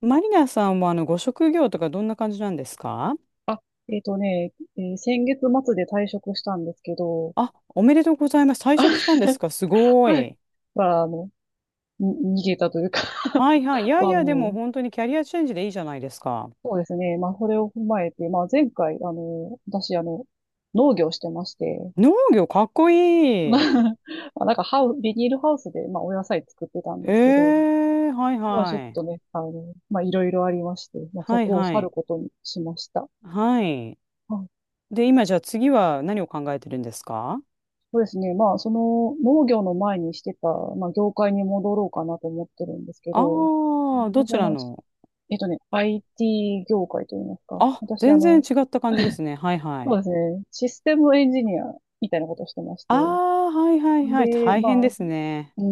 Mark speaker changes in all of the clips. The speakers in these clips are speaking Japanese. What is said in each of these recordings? Speaker 1: マリナさんはご職業とかどんな感じなんですか？
Speaker 2: あ、えっとね、えー先月末で退職したんですけど、
Speaker 1: あ、おめでとうございます。退職したんですか、すご
Speaker 2: はい。
Speaker 1: い。
Speaker 2: まあ、に逃げたというか。
Speaker 1: はいはい。い やい
Speaker 2: まあ、
Speaker 1: や、で
Speaker 2: も
Speaker 1: も
Speaker 2: う、
Speaker 1: 本当にキャリアチェンジでいいじゃないですか。
Speaker 2: そうですね。まあ、それを踏まえて、まあ、前回、私、農業してまして。
Speaker 1: 農業かっこいい。
Speaker 2: まあ、なんかビニールハウスで、まあ、お野菜作ってたん
Speaker 1: へ
Speaker 2: ですけど、
Speaker 1: え、はい
Speaker 2: まあ、ちょっ
Speaker 1: はい。
Speaker 2: とね、まあ、いろいろありまして、まあ、そ
Speaker 1: はい
Speaker 2: こを
Speaker 1: は
Speaker 2: 去る
Speaker 1: い。
Speaker 2: ことにしました。
Speaker 1: はい。
Speaker 2: はい。
Speaker 1: で、今じゃあ次は何を考えてるんですか？
Speaker 2: そうですね。まあ、その農業の前にしてた、まあ、業界に戻ろうかなと思ってるんですけ
Speaker 1: あ
Speaker 2: ど、
Speaker 1: あー、ど
Speaker 2: 私、
Speaker 1: ちらの？
Speaker 2: IT 業界といいますか。
Speaker 1: あ、
Speaker 2: 私、
Speaker 1: 全然違った感じですね。はいは
Speaker 2: そう
Speaker 1: い。
Speaker 2: ですね、システムエンジニアみたいなことをしてまし
Speaker 1: あ
Speaker 2: て。
Speaker 1: あ、はいはいはい。
Speaker 2: で、
Speaker 1: 大
Speaker 2: ま
Speaker 1: 変
Speaker 2: あ、
Speaker 1: ですね。
Speaker 2: ー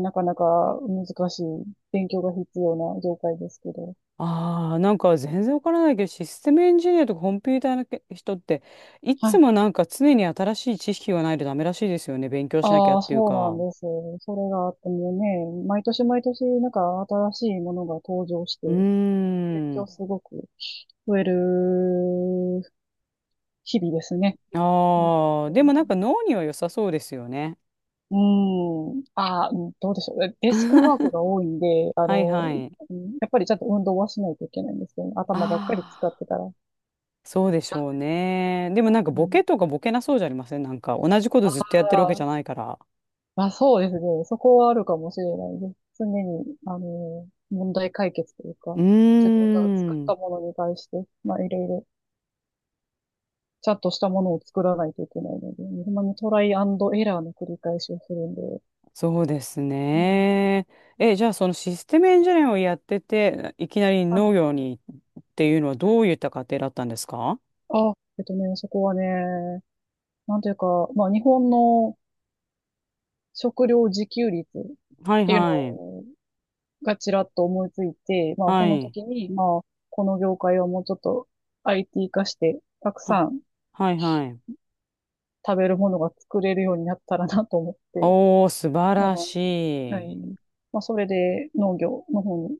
Speaker 2: ん、なかなか難しい、勉強が必要な業界ですけど。
Speaker 1: ああ、なんか全然わからないけど、システムエンジニアとかコンピューターのけ人って、い
Speaker 2: は
Speaker 1: つ
Speaker 2: い。
Speaker 1: もなんか常に新しい知識がないとダメらしいですよね。勉強しなきゃ
Speaker 2: あ
Speaker 1: っ
Speaker 2: あ、
Speaker 1: ていう
Speaker 2: そうな
Speaker 1: か。
Speaker 2: んです。それがあってもうね、毎年毎年、なんか新しいものが登場して、
Speaker 1: う
Speaker 2: 勉
Speaker 1: ー
Speaker 2: 強
Speaker 1: ん。
Speaker 2: すごく増える日々ですね。本
Speaker 1: あ
Speaker 2: 当
Speaker 1: あ、で
Speaker 2: に。
Speaker 1: もなんか脳には良さそうですよね。
Speaker 2: うん。ああ、うん、どうでしょう。デスクワークが多いんで、
Speaker 1: はいはい。
Speaker 2: うん、やっぱりちゃんと運動はしないといけないんですよね。
Speaker 1: あ
Speaker 2: 頭ばっかり使っ
Speaker 1: あ、
Speaker 2: てたら。う
Speaker 1: そうでしょうね。でもなんかボケと
Speaker 2: ん。
Speaker 1: かボケなそうじゃありません？なんか同じこと
Speaker 2: あ
Speaker 1: ずっとやってるわけ
Speaker 2: あ、
Speaker 1: じゃないから。
Speaker 2: まあ、そうですね。そこはあるかもしれないです。常に、問題解決という
Speaker 1: う
Speaker 2: か、自分が作っ
Speaker 1: ーん。
Speaker 2: たものに対して、まあ、いろいろ、ちゃんとしたものを作らないといけないので、ほんまにトライアンドエラーの繰り返しをするんで、
Speaker 1: そうです
Speaker 2: うん。
Speaker 1: ね。え、じゃあそのシステムエンジニアをやってて、いきなり
Speaker 2: は
Speaker 1: 農
Speaker 2: い。
Speaker 1: 業にっていうのはどういった家庭だったんですか？
Speaker 2: あ、そこはね、なんというか、まあ、日本の食料自給率っ
Speaker 1: はい
Speaker 2: ていう
Speaker 1: はい。
Speaker 2: のがちらっと思いついて、まあ、そ
Speaker 1: は
Speaker 2: の
Speaker 1: い。
Speaker 2: 時に、まあ、この業界はもうちょっと IT 化して、たく
Speaker 1: は、
Speaker 2: さん
Speaker 1: はいはい。
Speaker 2: 食べるものが作れるようになったらなと思って、
Speaker 1: おー、素晴
Speaker 2: ま
Speaker 1: ら
Speaker 2: あ、
Speaker 1: し
Speaker 2: は
Speaker 1: い。
Speaker 2: い。まあ、それで農業の方に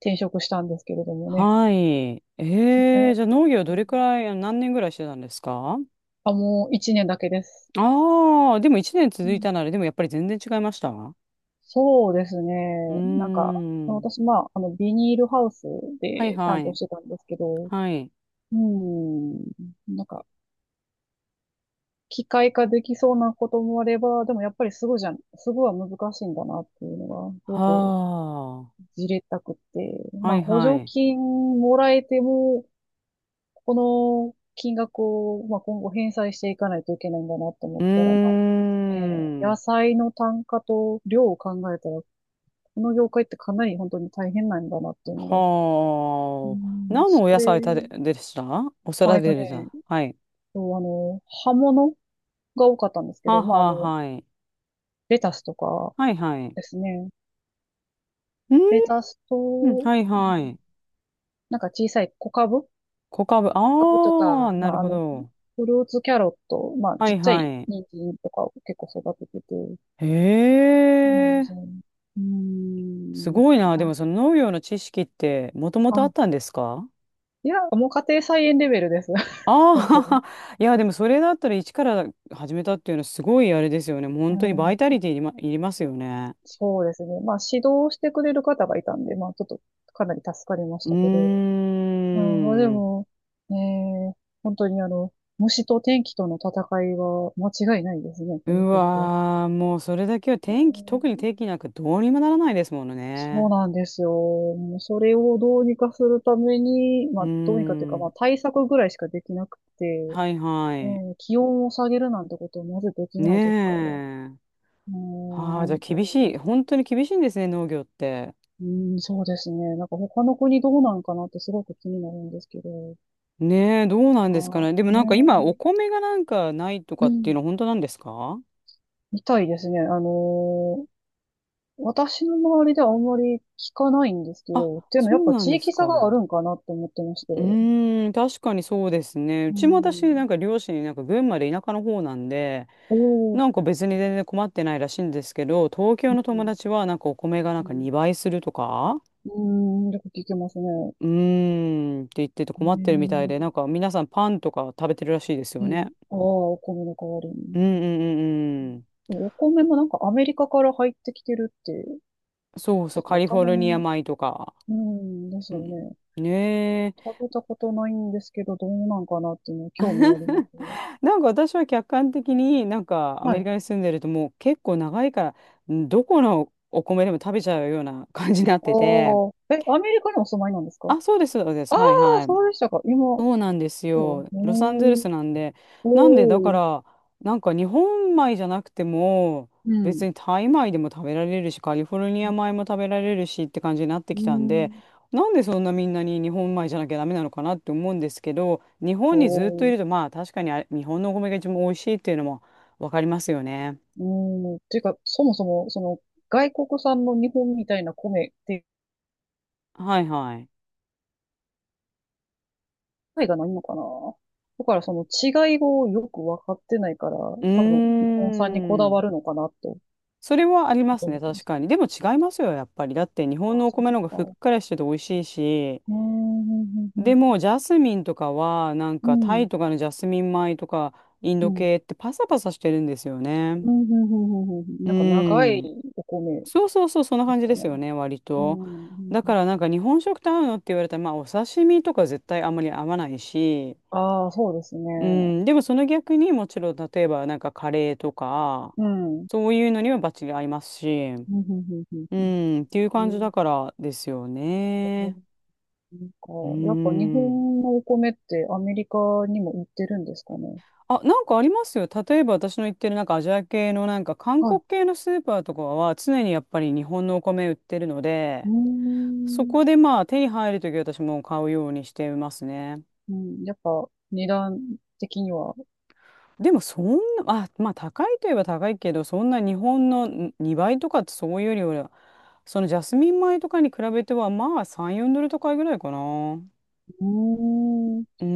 Speaker 2: 転職したんですけれどもね。
Speaker 1: はい。えー、
Speaker 2: え
Speaker 1: じゃあ農業どれくらい、あ、何年ぐらいしてたんですか？
Speaker 2: あ、もう一年だけです。
Speaker 1: ああー、でも一年
Speaker 2: う
Speaker 1: 続い
Speaker 2: ん。
Speaker 1: たなら、でもやっぱり全然違いました？う
Speaker 2: そうですね。
Speaker 1: ー
Speaker 2: なんか、
Speaker 1: ん。
Speaker 2: 私、まあ、ビニールハウス
Speaker 1: はい
Speaker 2: で
Speaker 1: は
Speaker 2: 担当
Speaker 1: い。
Speaker 2: してたんですけど、
Speaker 1: はい。
Speaker 2: うん。なんか、機械化できそうなこともあれば、でもやっぱりすごいじゃん、すごいは難しいんだなっていうのが、すごく
Speaker 1: はあ。
Speaker 2: じれったくって。ま
Speaker 1: は
Speaker 2: あ、
Speaker 1: い
Speaker 2: 補
Speaker 1: は
Speaker 2: 助
Speaker 1: い。
Speaker 2: 金もらえても、この金額を、まあ、今後返済していかないといけないんだなと思
Speaker 1: う
Speaker 2: ったら、まあ
Speaker 1: ー
Speaker 2: ね、野
Speaker 1: ん。
Speaker 2: 菜の単価と量を考えたら、この業界ってかなり本当に大変なんだなっていうのが、う
Speaker 1: はあ。
Speaker 2: ん、
Speaker 1: 何の
Speaker 2: そ
Speaker 1: お野
Speaker 2: れ、
Speaker 1: 菜たで、でした？お
Speaker 2: あ、
Speaker 1: 皿で出てた。はい。
Speaker 2: そう、葉物が多かったんですけ
Speaker 1: は
Speaker 2: ど、
Speaker 1: あ
Speaker 2: まあ、
Speaker 1: はあ、はい。
Speaker 2: レタスとか
Speaker 1: はいはい。
Speaker 2: ですね。
Speaker 1: う
Speaker 2: レ
Speaker 1: ー
Speaker 2: タスと、
Speaker 1: ん、
Speaker 2: うん、
Speaker 1: はいはい。
Speaker 2: なんか小さい小株小
Speaker 1: 小株、
Speaker 2: 株と
Speaker 1: ああ、
Speaker 2: か、
Speaker 1: な
Speaker 2: ま
Speaker 1: る
Speaker 2: あ、
Speaker 1: ほど。
Speaker 2: フルーツキャロット、まあ、
Speaker 1: は
Speaker 2: ちっ
Speaker 1: い
Speaker 2: ちゃ
Speaker 1: は
Speaker 2: い
Speaker 1: い。
Speaker 2: 人参とかを結構育ててて、
Speaker 1: へ
Speaker 2: そうなんで
Speaker 1: え、
Speaker 2: すよ。うー
Speaker 1: す
Speaker 2: ん、
Speaker 1: ごいな。で
Speaker 2: な、
Speaker 1: もその農業の知識ってもともとあ
Speaker 2: あ、
Speaker 1: ったんですか？
Speaker 2: いや、もう家庭菜園レベルです。
Speaker 1: あ
Speaker 2: 本当に。
Speaker 1: あー、いや、でもそれだったら一から始めたっていうのはすごいあれですよね。もう
Speaker 2: う
Speaker 1: 本当にバイ
Speaker 2: ん、
Speaker 1: タリティいりま、いりますよね。
Speaker 2: そうですね。まあ、指導してくれる方がいたんで、まあ、ちょっとかなり助かりまし
Speaker 1: うー
Speaker 2: たけど、うん、まあで
Speaker 1: ん。
Speaker 2: も、ねえー、本当に虫と天気との戦いは間違いないですね、
Speaker 1: う
Speaker 2: この国は。
Speaker 1: わー、もうそれだけは
Speaker 2: う
Speaker 1: 天気、特に
Speaker 2: ん。
Speaker 1: 天気なんかどうにもならないですもの
Speaker 2: そう
Speaker 1: ね。
Speaker 2: なんですよ。もうそれをどうにかするために、
Speaker 1: う
Speaker 2: ま
Speaker 1: ー
Speaker 2: あ、どうにかっていうか、ま
Speaker 1: ん。
Speaker 2: あ対策ぐらいしかできなくて、
Speaker 1: はいはい。
Speaker 2: ねえー、気温を下げるなんてことはまずでき
Speaker 1: ね
Speaker 2: ないですから。
Speaker 1: え。
Speaker 2: う
Speaker 1: はあ、じ
Speaker 2: ー
Speaker 1: ゃあ
Speaker 2: んと、
Speaker 1: 厳しい。本当に厳しいんですね、農業って。
Speaker 2: うん、そうですね。なんか他の国どうなんかなってすごく気になるんですけど、
Speaker 1: ねえ、どう
Speaker 2: な
Speaker 1: な
Speaker 2: ん
Speaker 1: ん
Speaker 2: か
Speaker 1: ですかね。でもなんか今、お
Speaker 2: ね、
Speaker 1: 米がなんかないとか
Speaker 2: う
Speaker 1: っていう
Speaker 2: ん、
Speaker 1: のは本当なんですか？
Speaker 2: みたいですね。私の周りではあんまり聞かないんですけ
Speaker 1: あ、
Speaker 2: ど、っていうのは
Speaker 1: そ
Speaker 2: やっ
Speaker 1: う
Speaker 2: ぱ
Speaker 1: な
Speaker 2: 地
Speaker 1: んです
Speaker 2: 域差がある
Speaker 1: か。
Speaker 2: んかなって思ってまして。
Speaker 1: うーん、確かにそうですね。う
Speaker 2: う
Speaker 1: ちも私、
Speaker 2: ん。
Speaker 1: なんか両親、なんか群馬で田舎の方なんで、
Speaker 2: おー。
Speaker 1: なんか別に全然困ってないらしいんですけど、東京
Speaker 2: う
Speaker 1: の友
Speaker 2: ん。
Speaker 1: 達はなんかお米がなん
Speaker 2: う
Speaker 1: か
Speaker 2: ん。
Speaker 1: 2倍するとか、
Speaker 2: うーん、よく聞きますね。
Speaker 1: うーんって言ってて
Speaker 2: へ
Speaker 1: 困ってるみたいで、な
Speaker 2: え。
Speaker 1: んか皆さんパンとか食べてるらしいです
Speaker 2: う
Speaker 1: よ
Speaker 2: ん。
Speaker 1: ね。
Speaker 2: ああ、お米の代わり
Speaker 1: う
Speaker 2: に。
Speaker 1: んうんうんうん。
Speaker 2: でもお米もなんかアメリカから入ってきてるって、
Speaker 1: そうそ
Speaker 2: だ
Speaker 1: う、
Speaker 2: か
Speaker 1: カ
Speaker 2: ら
Speaker 1: リ
Speaker 2: た
Speaker 1: フォ
Speaker 2: ま
Speaker 1: ルニア
Speaker 2: に、
Speaker 1: 米とか。
Speaker 2: うん、です
Speaker 1: う
Speaker 2: よ
Speaker 1: ん。
Speaker 2: ね。
Speaker 1: ね
Speaker 2: 食
Speaker 1: え。
Speaker 2: べたことないんですけど、どうなんかなっていうのは興味ありますね。
Speaker 1: なんか私は客観的になんかア
Speaker 2: は
Speaker 1: メ
Speaker 2: い。
Speaker 1: リ
Speaker 2: あ
Speaker 1: カに住んでるともう結構長いから、んどこのお米でも食べちゃうような感じになっ
Speaker 2: あ、
Speaker 1: てて。
Speaker 2: え、アメリカにお住まいなんですか？
Speaker 1: あ、そうです、そうです。
Speaker 2: ああ
Speaker 1: はい
Speaker 2: ー、
Speaker 1: はい。
Speaker 2: そうでしたか。今、
Speaker 1: そうなんです
Speaker 2: そ
Speaker 1: よ。
Speaker 2: うね。
Speaker 1: ロサンゼル
Speaker 2: ん、
Speaker 1: スなんで。なんで、だか
Speaker 2: おー。
Speaker 1: ら、なんか日本米じゃなくても、
Speaker 2: うん。
Speaker 1: 別にタイ米でも食べられるし、カリフォルニア米も食べられるしって感じになって
Speaker 2: う
Speaker 1: きたんで、
Speaker 2: ん。
Speaker 1: なんでそんなみんなに日本米じゃなきゃダメなのかなって思うんですけど、日本にずっと
Speaker 2: お
Speaker 1: いると、
Speaker 2: ー。
Speaker 1: まあ確かにあれ日本のお米が一番美味しいっていうのもわかりますよね。
Speaker 2: うん。ていうか、そもそも、その、外国産の日本みたいな米って
Speaker 1: はいはい。
Speaker 2: いがないのかな。だからその違いをよく分かってないから、
Speaker 1: う
Speaker 2: 多分日本産にこ
Speaker 1: ー
Speaker 2: だわ
Speaker 1: ん。
Speaker 2: るのかなと、
Speaker 1: それはあり
Speaker 2: ちょ
Speaker 1: ま
Speaker 2: っと
Speaker 1: す
Speaker 2: 思
Speaker 1: ね、
Speaker 2: ってま
Speaker 1: 確
Speaker 2: す。
Speaker 1: かに。でも違いますよ、やっぱり。だって日本
Speaker 2: ああ、
Speaker 1: のお
Speaker 2: そう
Speaker 1: 米
Speaker 2: で
Speaker 1: の
Speaker 2: す
Speaker 1: 方が
Speaker 2: か。
Speaker 1: ふっ
Speaker 2: う
Speaker 1: くらしてて美味しいし、
Speaker 2: ーん、うん、う
Speaker 1: で
Speaker 2: ん、
Speaker 1: も、ジャスミンとかは、なん
Speaker 2: う
Speaker 1: かタ
Speaker 2: ん。
Speaker 1: イとかのジャスミン米とか、イン
Speaker 2: う
Speaker 1: ド
Speaker 2: ん、
Speaker 1: 系ってパサパサしてるんですよね。
Speaker 2: うん、うん、うん、うん。
Speaker 1: う
Speaker 2: なんか長い
Speaker 1: ん。
Speaker 2: お米
Speaker 1: そうそうそう、そんな
Speaker 2: で
Speaker 1: 感
Speaker 2: す
Speaker 1: じ
Speaker 2: か
Speaker 1: です
Speaker 2: ね。
Speaker 1: よね、割
Speaker 2: う
Speaker 1: と。だ
Speaker 2: ん。
Speaker 1: から、なんか日本食と合うのって言われたら、まあ、お刺身とか絶対あんまり合わないし、
Speaker 2: ああ、そうですね。
Speaker 1: うん。でも、その逆にもちろん、例えば、なんかカレーとか、
Speaker 2: うん。うん、
Speaker 1: そういうのにはバッチリ合いますし、
Speaker 2: うん、うん、う
Speaker 1: う
Speaker 2: ん。
Speaker 1: ん、っていう
Speaker 2: え
Speaker 1: 感じ
Speaker 2: ー
Speaker 1: だからですよね。
Speaker 2: なん
Speaker 1: う
Speaker 2: か、やっぱ日
Speaker 1: ん。
Speaker 2: 本のお米ってアメリカにも売ってるんですかね。
Speaker 1: あ、なんかありますよ。例えば私の言ってるなんかアジア系のなんか韓
Speaker 2: はい。
Speaker 1: 国系のスーパーとかは常にやっぱり日本のお米売ってるの
Speaker 2: う
Speaker 1: で、そ
Speaker 2: ーん。
Speaker 1: こでまあ手に入るとき私も買うようにしてますね。
Speaker 2: うん、やっぱ値段的には。
Speaker 1: でもそんな、あ、まあ高いといえば高いけど、そんな日本のん2倍とかってそういうよりは、そのジャスミン米とかに比べてはまあ3、4ドル高いぐらいかな。
Speaker 2: うーん。
Speaker 1: うー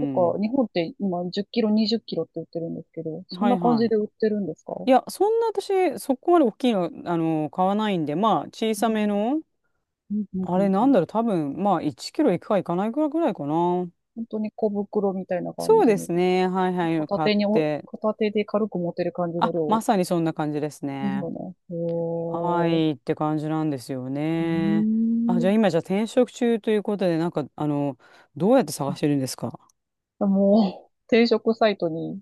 Speaker 2: なんか
Speaker 1: ん。
Speaker 2: 日本って今10キロ、20キロって売ってるんですけど、そん
Speaker 1: は
Speaker 2: な
Speaker 1: い
Speaker 2: 感
Speaker 1: は
Speaker 2: じ
Speaker 1: い。
Speaker 2: で売ってるんですか？
Speaker 1: いや、そんな私そこまで大きいの、買わないんで、まあ小
Speaker 2: う
Speaker 1: さめ
Speaker 2: ん。
Speaker 1: の。
Speaker 2: うんうん
Speaker 1: あ
Speaker 2: う
Speaker 1: れ
Speaker 2: ん
Speaker 1: な
Speaker 2: う
Speaker 1: ん
Speaker 2: ん。
Speaker 1: だろう、多分、まあ、1キロいくかいかないかぐらいかな。
Speaker 2: 本当に小袋みたいな
Speaker 1: そ
Speaker 2: 感
Speaker 1: う
Speaker 2: じ
Speaker 1: で
Speaker 2: の、
Speaker 1: すね。はいはい、買って。
Speaker 2: 片手で軽く持てる感じの
Speaker 1: あ、ま
Speaker 2: 量
Speaker 1: さにそんな感じです
Speaker 2: ですよ
Speaker 1: ね。
Speaker 2: ね。へ
Speaker 1: は
Speaker 2: ー。
Speaker 1: い、って感じなんですよ
Speaker 2: う
Speaker 1: ね。あ、
Speaker 2: ー
Speaker 1: じゃ
Speaker 2: ん。
Speaker 1: あ今、じゃあ転職中ということで、なんか、どうやって探してるんですか？
Speaker 2: あ、もう、定食サイトに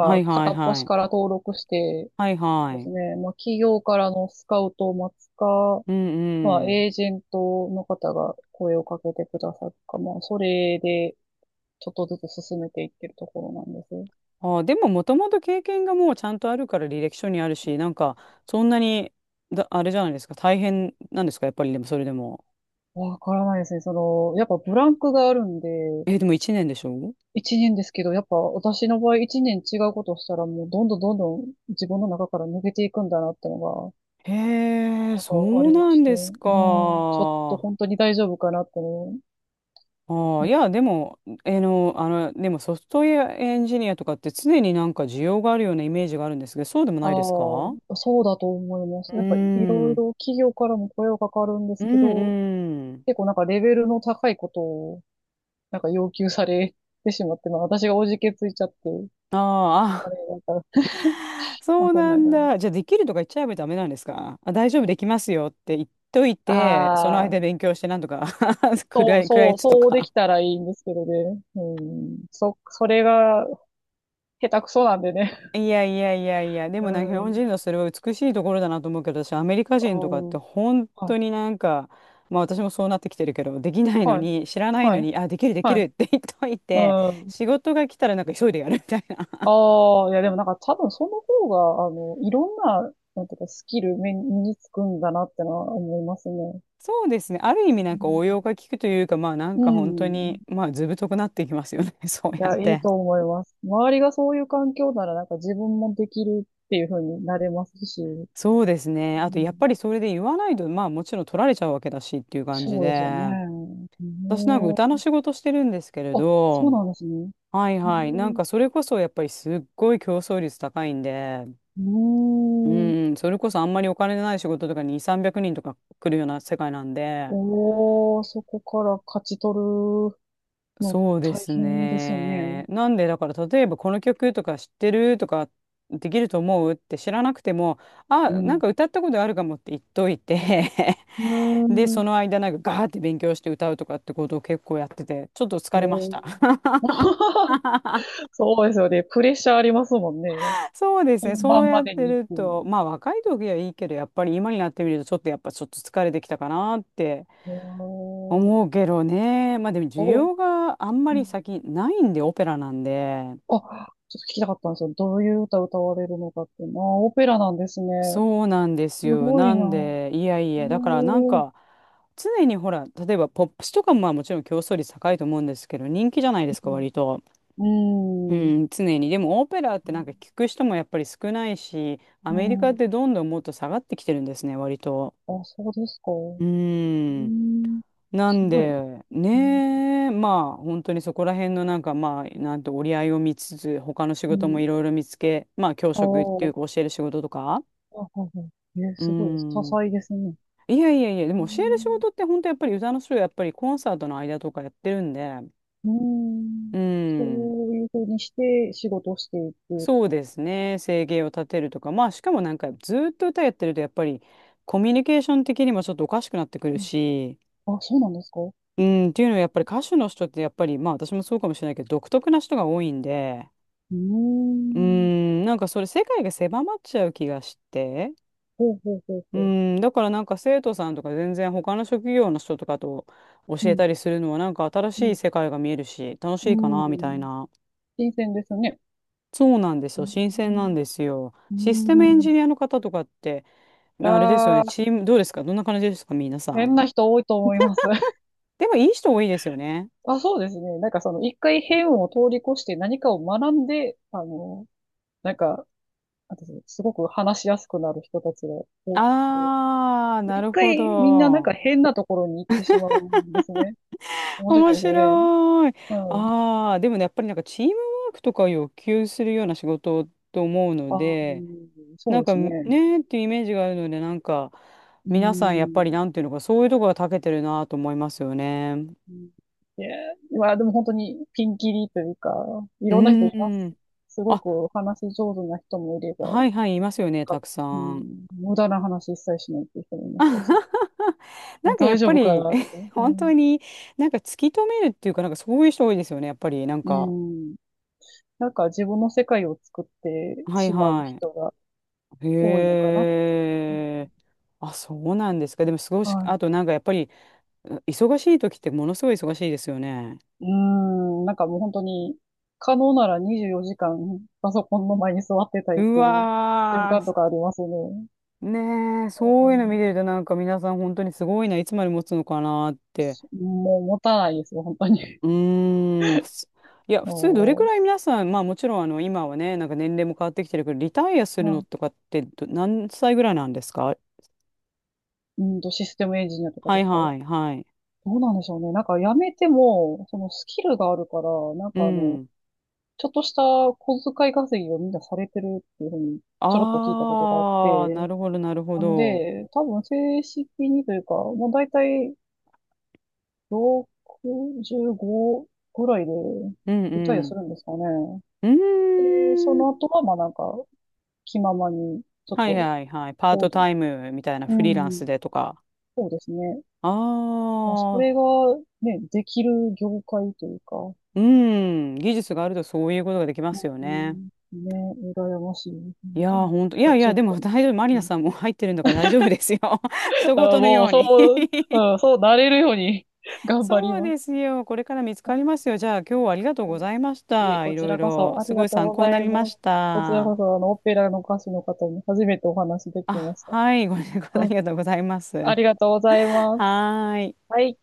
Speaker 1: はいは
Speaker 2: 片
Speaker 1: い
Speaker 2: っ
Speaker 1: は
Speaker 2: 端
Speaker 1: い。
Speaker 2: から登録して、
Speaker 1: はいは
Speaker 2: そうです
Speaker 1: い。
Speaker 2: ね、まあ、企業からのスカウトを待つか、
Speaker 1: う
Speaker 2: まあ、
Speaker 1: んうん。
Speaker 2: エージェントの方が声をかけてくださるか、まあ、それでちょっとずつ進めていってるところなんです。
Speaker 1: あ、でも、もともと経験がもうちゃんとあるから履歴書にあるし、なんか、そんなに、だ、あれじゃないですか。大変なんですか、やっぱり、でも、それでも。
Speaker 2: わからないですね。その、やっぱブランクがあるんで、
Speaker 1: え、でも1年でしょ？
Speaker 2: 一年ですけど、やっぱ私の場合一年違うことをしたらもうどんどんどんどん自分の中から抜けていくんだなってのが、
Speaker 1: へえ、
Speaker 2: なん
Speaker 1: そ
Speaker 2: かあ
Speaker 1: う
Speaker 2: りま
Speaker 1: な
Speaker 2: し
Speaker 1: ん
Speaker 2: て、
Speaker 1: です
Speaker 2: うん、
Speaker 1: か。
Speaker 2: ちょっと本当に大丈夫かなってね、
Speaker 1: ああ、いや、でも、えの、でもソフトウェアエンジニアとかって常になんか需要があるようなイメージがあるんですけど、そうでも
Speaker 2: あ
Speaker 1: ないですか？
Speaker 2: あ、そうだと思いま
Speaker 1: う
Speaker 2: す。やっぱい
Speaker 1: ー
Speaker 2: ろい
Speaker 1: ん。
Speaker 2: ろ企業からも声はかかるんで
Speaker 1: う
Speaker 2: すけど、
Speaker 1: んうん。
Speaker 2: 結構なんかレベルの高いことをなんか要求されてしまって、まあ私がおじけついちゃって、
Speaker 1: あ
Speaker 2: あ
Speaker 1: ー
Speaker 2: れが、
Speaker 1: あ、あ、
Speaker 2: ま
Speaker 1: そ
Speaker 2: あ
Speaker 1: う
Speaker 2: そん
Speaker 1: な
Speaker 2: なん
Speaker 1: ん
Speaker 2: だね。
Speaker 1: だ。じゃあ、できるとか言っちゃえばダメなんですか？あ、大丈夫、できますよって言っといて、その
Speaker 2: ああ、
Speaker 1: 間勉強してなんとか 食
Speaker 2: そ
Speaker 1: ら
Speaker 2: う、
Speaker 1: い、食らい
Speaker 2: そう、
Speaker 1: つと
Speaker 2: そうで
Speaker 1: か。
Speaker 2: きたらいいんですけどね。うん、それが下手くそなんでね。
Speaker 1: いやいやいやいや、で
Speaker 2: う
Speaker 1: もなんか日本人
Speaker 2: ん、
Speaker 1: のそれは美しいところだなと思うけど、私アメリカ
Speaker 2: ああ、
Speaker 1: 人とかって本
Speaker 2: は
Speaker 1: 当
Speaker 2: い、
Speaker 1: になんか、まあ私もそうなってきてるけど、できないの
Speaker 2: はい、
Speaker 1: に、知らない
Speaker 2: は
Speaker 1: の
Speaker 2: い、
Speaker 1: に、あ、できるでき
Speaker 2: は
Speaker 1: る
Speaker 2: い、
Speaker 1: って言っとい
Speaker 2: う
Speaker 1: て、
Speaker 2: ん。
Speaker 1: 仕事が来たらなんか急いでやるみたいな。
Speaker 2: ああ、いやでもなんか多分その方が、いろんな、なんていうか、スキル身につくんだなってのは思いますね。
Speaker 1: そうですね。ある意味なんか応用が効くというか、まあなん
Speaker 2: う
Speaker 1: か本当
Speaker 2: ん。
Speaker 1: に、まあ図太くなっていきますよね。そう
Speaker 2: い
Speaker 1: やっ
Speaker 2: や、いい
Speaker 1: て。
Speaker 2: と思います。周りがそういう環境なら、なんか自分もできるっていう風になれますし。う
Speaker 1: そうですね。あとやっ
Speaker 2: ん。
Speaker 1: ぱりそれで言わないと、まあもちろん取られちゃうわけだしっていう感じ
Speaker 2: そうですよね。
Speaker 1: で、
Speaker 2: う
Speaker 1: 私なんか
Speaker 2: ん、
Speaker 1: 歌の仕事してるんですけれ
Speaker 2: あ、そう
Speaker 1: ど、
Speaker 2: なんですね。
Speaker 1: はい
Speaker 2: う
Speaker 1: はい。なん
Speaker 2: ん。
Speaker 1: かそれこそやっぱりすっごい競争率高いんで、
Speaker 2: うーん。
Speaker 1: うん、それこそあんまりお金のない仕事とかに2、300人とか来るような世界なんで、
Speaker 2: おー、そこから勝ち取るの
Speaker 1: そうで
Speaker 2: 大
Speaker 1: す
Speaker 2: 変ですよね。
Speaker 1: ね。なんでだから例えばこの曲とか知ってるとかできると思うって知らなくても、あ、
Speaker 2: う
Speaker 1: なん
Speaker 2: ん。
Speaker 1: か歌ったことあるかもって言っといて
Speaker 2: う ー
Speaker 1: で、
Speaker 2: ん、
Speaker 1: その間なんかガーって勉強して歌うとかってことを結構やってて、ちょっと疲れました。
Speaker 2: そうですよね。プレッシャーありますもんね。
Speaker 1: そうですね。
Speaker 2: 本
Speaker 1: そう
Speaker 2: 番
Speaker 1: や
Speaker 2: ま
Speaker 1: っ
Speaker 2: で
Speaker 1: て
Speaker 2: にっ
Speaker 1: る
Speaker 2: てい
Speaker 1: と、
Speaker 2: う。
Speaker 1: まあ若い時はいいけど、やっぱり今になってみると、ちょっとやっぱちょっと疲れてきたかなって
Speaker 2: うーん。
Speaker 1: 思うけどね。まあでも需
Speaker 2: どう、
Speaker 1: 要があんま
Speaker 2: う
Speaker 1: り
Speaker 2: ん、
Speaker 1: 先ないんで、オペラなんで。
Speaker 2: あ、ちょっと聞きたかったんですよ。どういう歌歌われるのかっていうのは、あー、オペラなんですね。
Speaker 1: そうなんです
Speaker 2: す
Speaker 1: よ。
Speaker 2: ご
Speaker 1: な
Speaker 2: いな。
Speaker 1: んで、いやい
Speaker 2: へ
Speaker 1: や、だからなんか、
Speaker 2: え。
Speaker 1: 常にほら、例えばポップスとかもまあもちろん競争率高いと思うんですけど、人気じゃないですか、割と。
Speaker 2: う
Speaker 1: う
Speaker 2: ん。うん。
Speaker 1: ん、常に。でもオペラってなんか聞く人もやっぱり少ないし、ア
Speaker 2: う
Speaker 1: メリカっ
Speaker 2: ん、
Speaker 1: てどんどんもっと下がってきてるんですね、割と。
Speaker 2: あ、そうですか。う
Speaker 1: うん。
Speaker 2: ん。
Speaker 1: な
Speaker 2: す
Speaker 1: ん
Speaker 2: ごい。
Speaker 1: で、
Speaker 2: うん。
Speaker 1: ねえ、まあ、本当にそこら辺のなんか、まあ、なんて折り合いを見つつ、他の仕
Speaker 2: う
Speaker 1: 事も
Speaker 2: ん。
Speaker 1: いろいろ見つけ、まあ、教
Speaker 2: あ
Speaker 1: 職ってい
Speaker 2: ー、
Speaker 1: うか教える仕事とか。
Speaker 2: あ、はいはい。えー、
Speaker 1: う
Speaker 2: すごいです。多
Speaker 1: ん。
Speaker 2: 彩ですね。
Speaker 1: いやいやいや、で
Speaker 2: う
Speaker 1: も教える仕
Speaker 2: ん。
Speaker 1: 事って本当やっぱり歌の人やっぱりコンサートの間とかやってるんで、
Speaker 2: うん、
Speaker 1: う
Speaker 2: そ
Speaker 1: ん。
Speaker 2: ういうふうにして仕事をしていく。
Speaker 1: そうですね。生計を立てるとか、まあ、しかもなんかずーっと歌やってるとやっぱりコミュニケーション的にもちょっとおかしくなってくるし、
Speaker 2: あ、そうなんですか？う
Speaker 1: うん、っていうのはやっぱり歌手の人ってやっぱりまあ私もそうかもしれないけど独特な人が多いんで、
Speaker 2: ー
Speaker 1: うー
Speaker 2: ん。
Speaker 1: ん、なんかそれ世界が狭まっちゃう気がして。
Speaker 2: ほうほうほう
Speaker 1: う
Speaker 2: ほう。
Speaker 1: ーん、だからなんか生徒さんとか全然他の職業の人とかと教
Speaker 2: う
Speaker 1: え
Speaker 2: ん、
Speaker 1: たりするのはなんか新
Speaker 2: う
Speaker 1: しい
Speaker 2: ん、
Speaker 1: 世界が見えるし楽し
Speaker 2: う
Speaker 1: いかなみたい
Speaker 2: ん。
Speaker 1: な。
Speaker 2: 新鮮ですね。
Speaker 1: そうなんです
Speaker 2: うー
Speaker 1: よ。新鮮なん
Speaker 2: ん。
Speaker 1: ですよ。
Speaker 2: う
Speaker 1: システムエンジ
Speaker 2: ん。
Speaker 1: ニアの方とかってあれですよね。
Speaker 2: ああ、
Speaker 1: チームどうですか、どんな感じですか、皆さ
Speaker 2: 変
Speaker 1: ん。
Speaker 2: な人多いと思います。
Speaker 1: でもいい人多いですよね。
Speaker 2: あ、そうですね。なんかその、一回変を通り越して何かを学んで、なんか、なんていうんですか、すごく話しやすくなる人たちが多くて。
Speaker 1: あー、
Speaker 2: で
Speaker 1: な
Speaker 2: 一
Speaker 1: るほ
Speaker 2: 回みんななんか
Speaker 1: ど。
Speaker 2: 変なところに行ってしまうんですね。面白
Speaker 1: 面
Speaker 2: いですよね。
Speaker 1: 白い。
Speaker 2: うん。
Speaker 1: ああ、でもね、やっぱりなんかチームワークとかを要求するような仕事と思うの
Speaker 2: ああ、
Speaker 1: で、
Speaker 2: そう
Speaker 1: なん
Speaker 2: で
Speaker 1: か
Speaker 2: すね。
Speaker 1: ねーっていうイメージがあるので、なんか
Speaker 2: う
Speaker 1: 皆さんやっ
Speaker 2: ー
Speaker 1: ぱり
Speaker 2: ん。
Speaker 1: なんていうのか、そういうとこが長けてるなと思いますよね。
Speaker 2: うん、いや、まあでも本当にピンキリというか、い
Speaker 1: う
Speaker 2: ろんな人いま
Speaker 1: ー
Speaker 2: す。
Speaker 1: ん。
Speaker 2: すご
Speaker 1: あ、
Speaker 2: くお話上手な人もいれば、なん
Speaker 1: はいはい、いますよね、
Speaker 2: か、
Speaker 1: たくさ
Speaker 2: う
Speaker 1: ん。
Speaker 2: ん、無駄な話一切しないっていう人もいましたし、
Speaker 1: な
Speaker 2: もう
Speaker 1: んかや
Speaker 2: 大
Speaker 1: っ
Speaker 2: 丈
Speaker 1: ぱ
Speaker 2: 夫か
Speaker 1: り
Speaker 2: なって。う
Speaker 1: 本
Speaker 2: ん。
Speaker 1: 当になんか突き止めるっていうか、なんかそういう人多いですよね、やっぱりなん
Speaker 2: う
Speaker 1: か。
Speaker 2: ん。なんか自分の世界を作って
Speaker 1: はい
Speaker 2: しまう
Speaker 1: は
Speaker 2: 人が
Speaker 1: い。
Speaker 2: 多いのか
Speaker 1: へ
Speaker 2: な。
Speaker 1: え。あ、そうなんですか。でも、すごいし、
Speaker 2: は
Speaker 1: あとなんかやっぱり、忙しい時ってものすごい忙しいですよね。
Speaker 2: い。うん。なんかもう本当に、可能なら24時間パソコンの前に座ってたいっ
Speaker 1: う
Speaker 2: ていう瞬
Speaker 1: わ
Speaker 2: 間と
Speaker 1: ー、
Speaker 2: かありますね。
Speaker 1: ねえ、
Speaker 2: う
Speaker 1: そういうの見てる
Speaker 2: ん、
Speaker 1: となんか皆さん本当にすごいな、いつまで持つのかなって。
Speaker 2: もう持たないですよ、本当に。
Speaker 1: うーん、いや、普通どれく
Speaker 2: も
Speaker 1: らい皆さん、まあもちろんあの今はね、なんか年齢も変わってきてるけど、リタイアす
Speaker 2: う、
Speaker 1: るの
Speaker 2: あ、
Speaker 1: とかってど何歳ぐらいなんですか？
Speaker 2: システムエンジニアとか
Speaker 1: は
Speaker 2: で
Speaker 1: い
Speaker 2: すか？ど
Speaker 1: はいはい。
Speaker 2: うなんでしょうね。なんか辞めても、そのスキルがあるから、なん
Speaker 1: う
Speaker 2: か
Speaker 1: ん。
Speaker 2: ちょっとした小遣い稼ぎをみんなされてるっていうふうに、ちょろっと聞いたことがあっ
Speaker 1: ああ、な
Speaker 2: て、
Speaker 1: るほどなるほ
Speaker 2: なん
Speaker 1: ど。
Speaker 2: で、多分正式にというか、もう大体65ぐらいで
Speaker 1: うん
Speaker 2: リタイ
Speaker 1: う
Speaker 2: アす
Speaker 1: ん。
Speaker 2: るんですかね。
Speaker 1: う
Speaker 2: で、そ
Speaker 1: ーん。
Speaker 2: の後は、まあなんか、気ままに、ちょっ
Speaker 1: はい
Speaker 2: と、
Speaker 1: はいはい。パー
Speaker 2: 行
Speaker 1: トタ
Speaker 2: 動。
Speaker 1: イムみたいな
Speaker 2: う
Speaker 1: フリーランス
Speaker 2: ん、
Speaker 1: でとか。
Speaker 2: そうですね。
Speaker 1: あ
Speaker 2: まあ、それが
Speaker 1: あ、
Speaker 2: ね、できる業界というか、う
Speaker 1: うん、技術があるとそういうことができますよね。
Speaker 2: ん、ね、羨ましいね。
Speaker 1: い
Speaker 2: 本
Speaker 1: や
Speaker 2: 当
Speaker 1: ー、
Speaker 2: に
Speaker 1: ほんと、いや
Speaker 2: 大
Speaker 1: い
Speaker 2: 丈
Speaker 1: や、で
Speaker 2: 夫か
Speaker 1: も
Speaker 2: な。
Speaker 1: 大丈夫、マリ
Speaker 2: う
Speaker 1: ナ
Speaker 2: ん、
Speaker 1: さんも入ってるんだから大丈夫ですよ。人
Speaker 2: あ、
Speaker 1: 事の
Speaker 2: も
Speaker 1: よ
Speaker 2: う、
Speaker 1: うに
Speaker 2: そう、うん、そうなれるように 頑張り
Speaker 1: そう
Speaker 2: ま
Speaker 1: で
Speaker 2: す。
Speaker 1: すよ。これから見つかりますよ。じゃあ、今日はありがとうございまし
Speaker 2: いえ、
Speaker 1: た。
Speaker 2: こ
Speaker 1: い
Speaker 2: ち
Speaker 1: ろい
Speaker 2: らこ
Speaker 1: ろ、
Speaker 2: そあ
Speaker 1: す
Speaker 2: り
Speaker 1: ご
Speaker 2: が
Speaker 1: い
Speaker 2: とう
Speaker 1: 参
Speaker 2: ご
Speaker 1: 考に
Speaker 2: ざ
Speaker 1: な
Speaker 2: い
Speaker 1: り
Speaker 2: ま
Speaker 1: まし
Speaker 2: す。こちら
Speaker 1: た。
Speaker 2: こそ、オペラの歌手の方に初めてお話できま
Speaker 1: あ、
Speaker 2: した。
Speaker 1: はい、ごめんなさい、あ
Speaker 2: はい。
Speaker 1: りがとうございます。
Speaker 2: あ
Speaker 1: は
Speaker 2: りがとうございます。
Speaker 1: ーい。
Speaker 2: はい。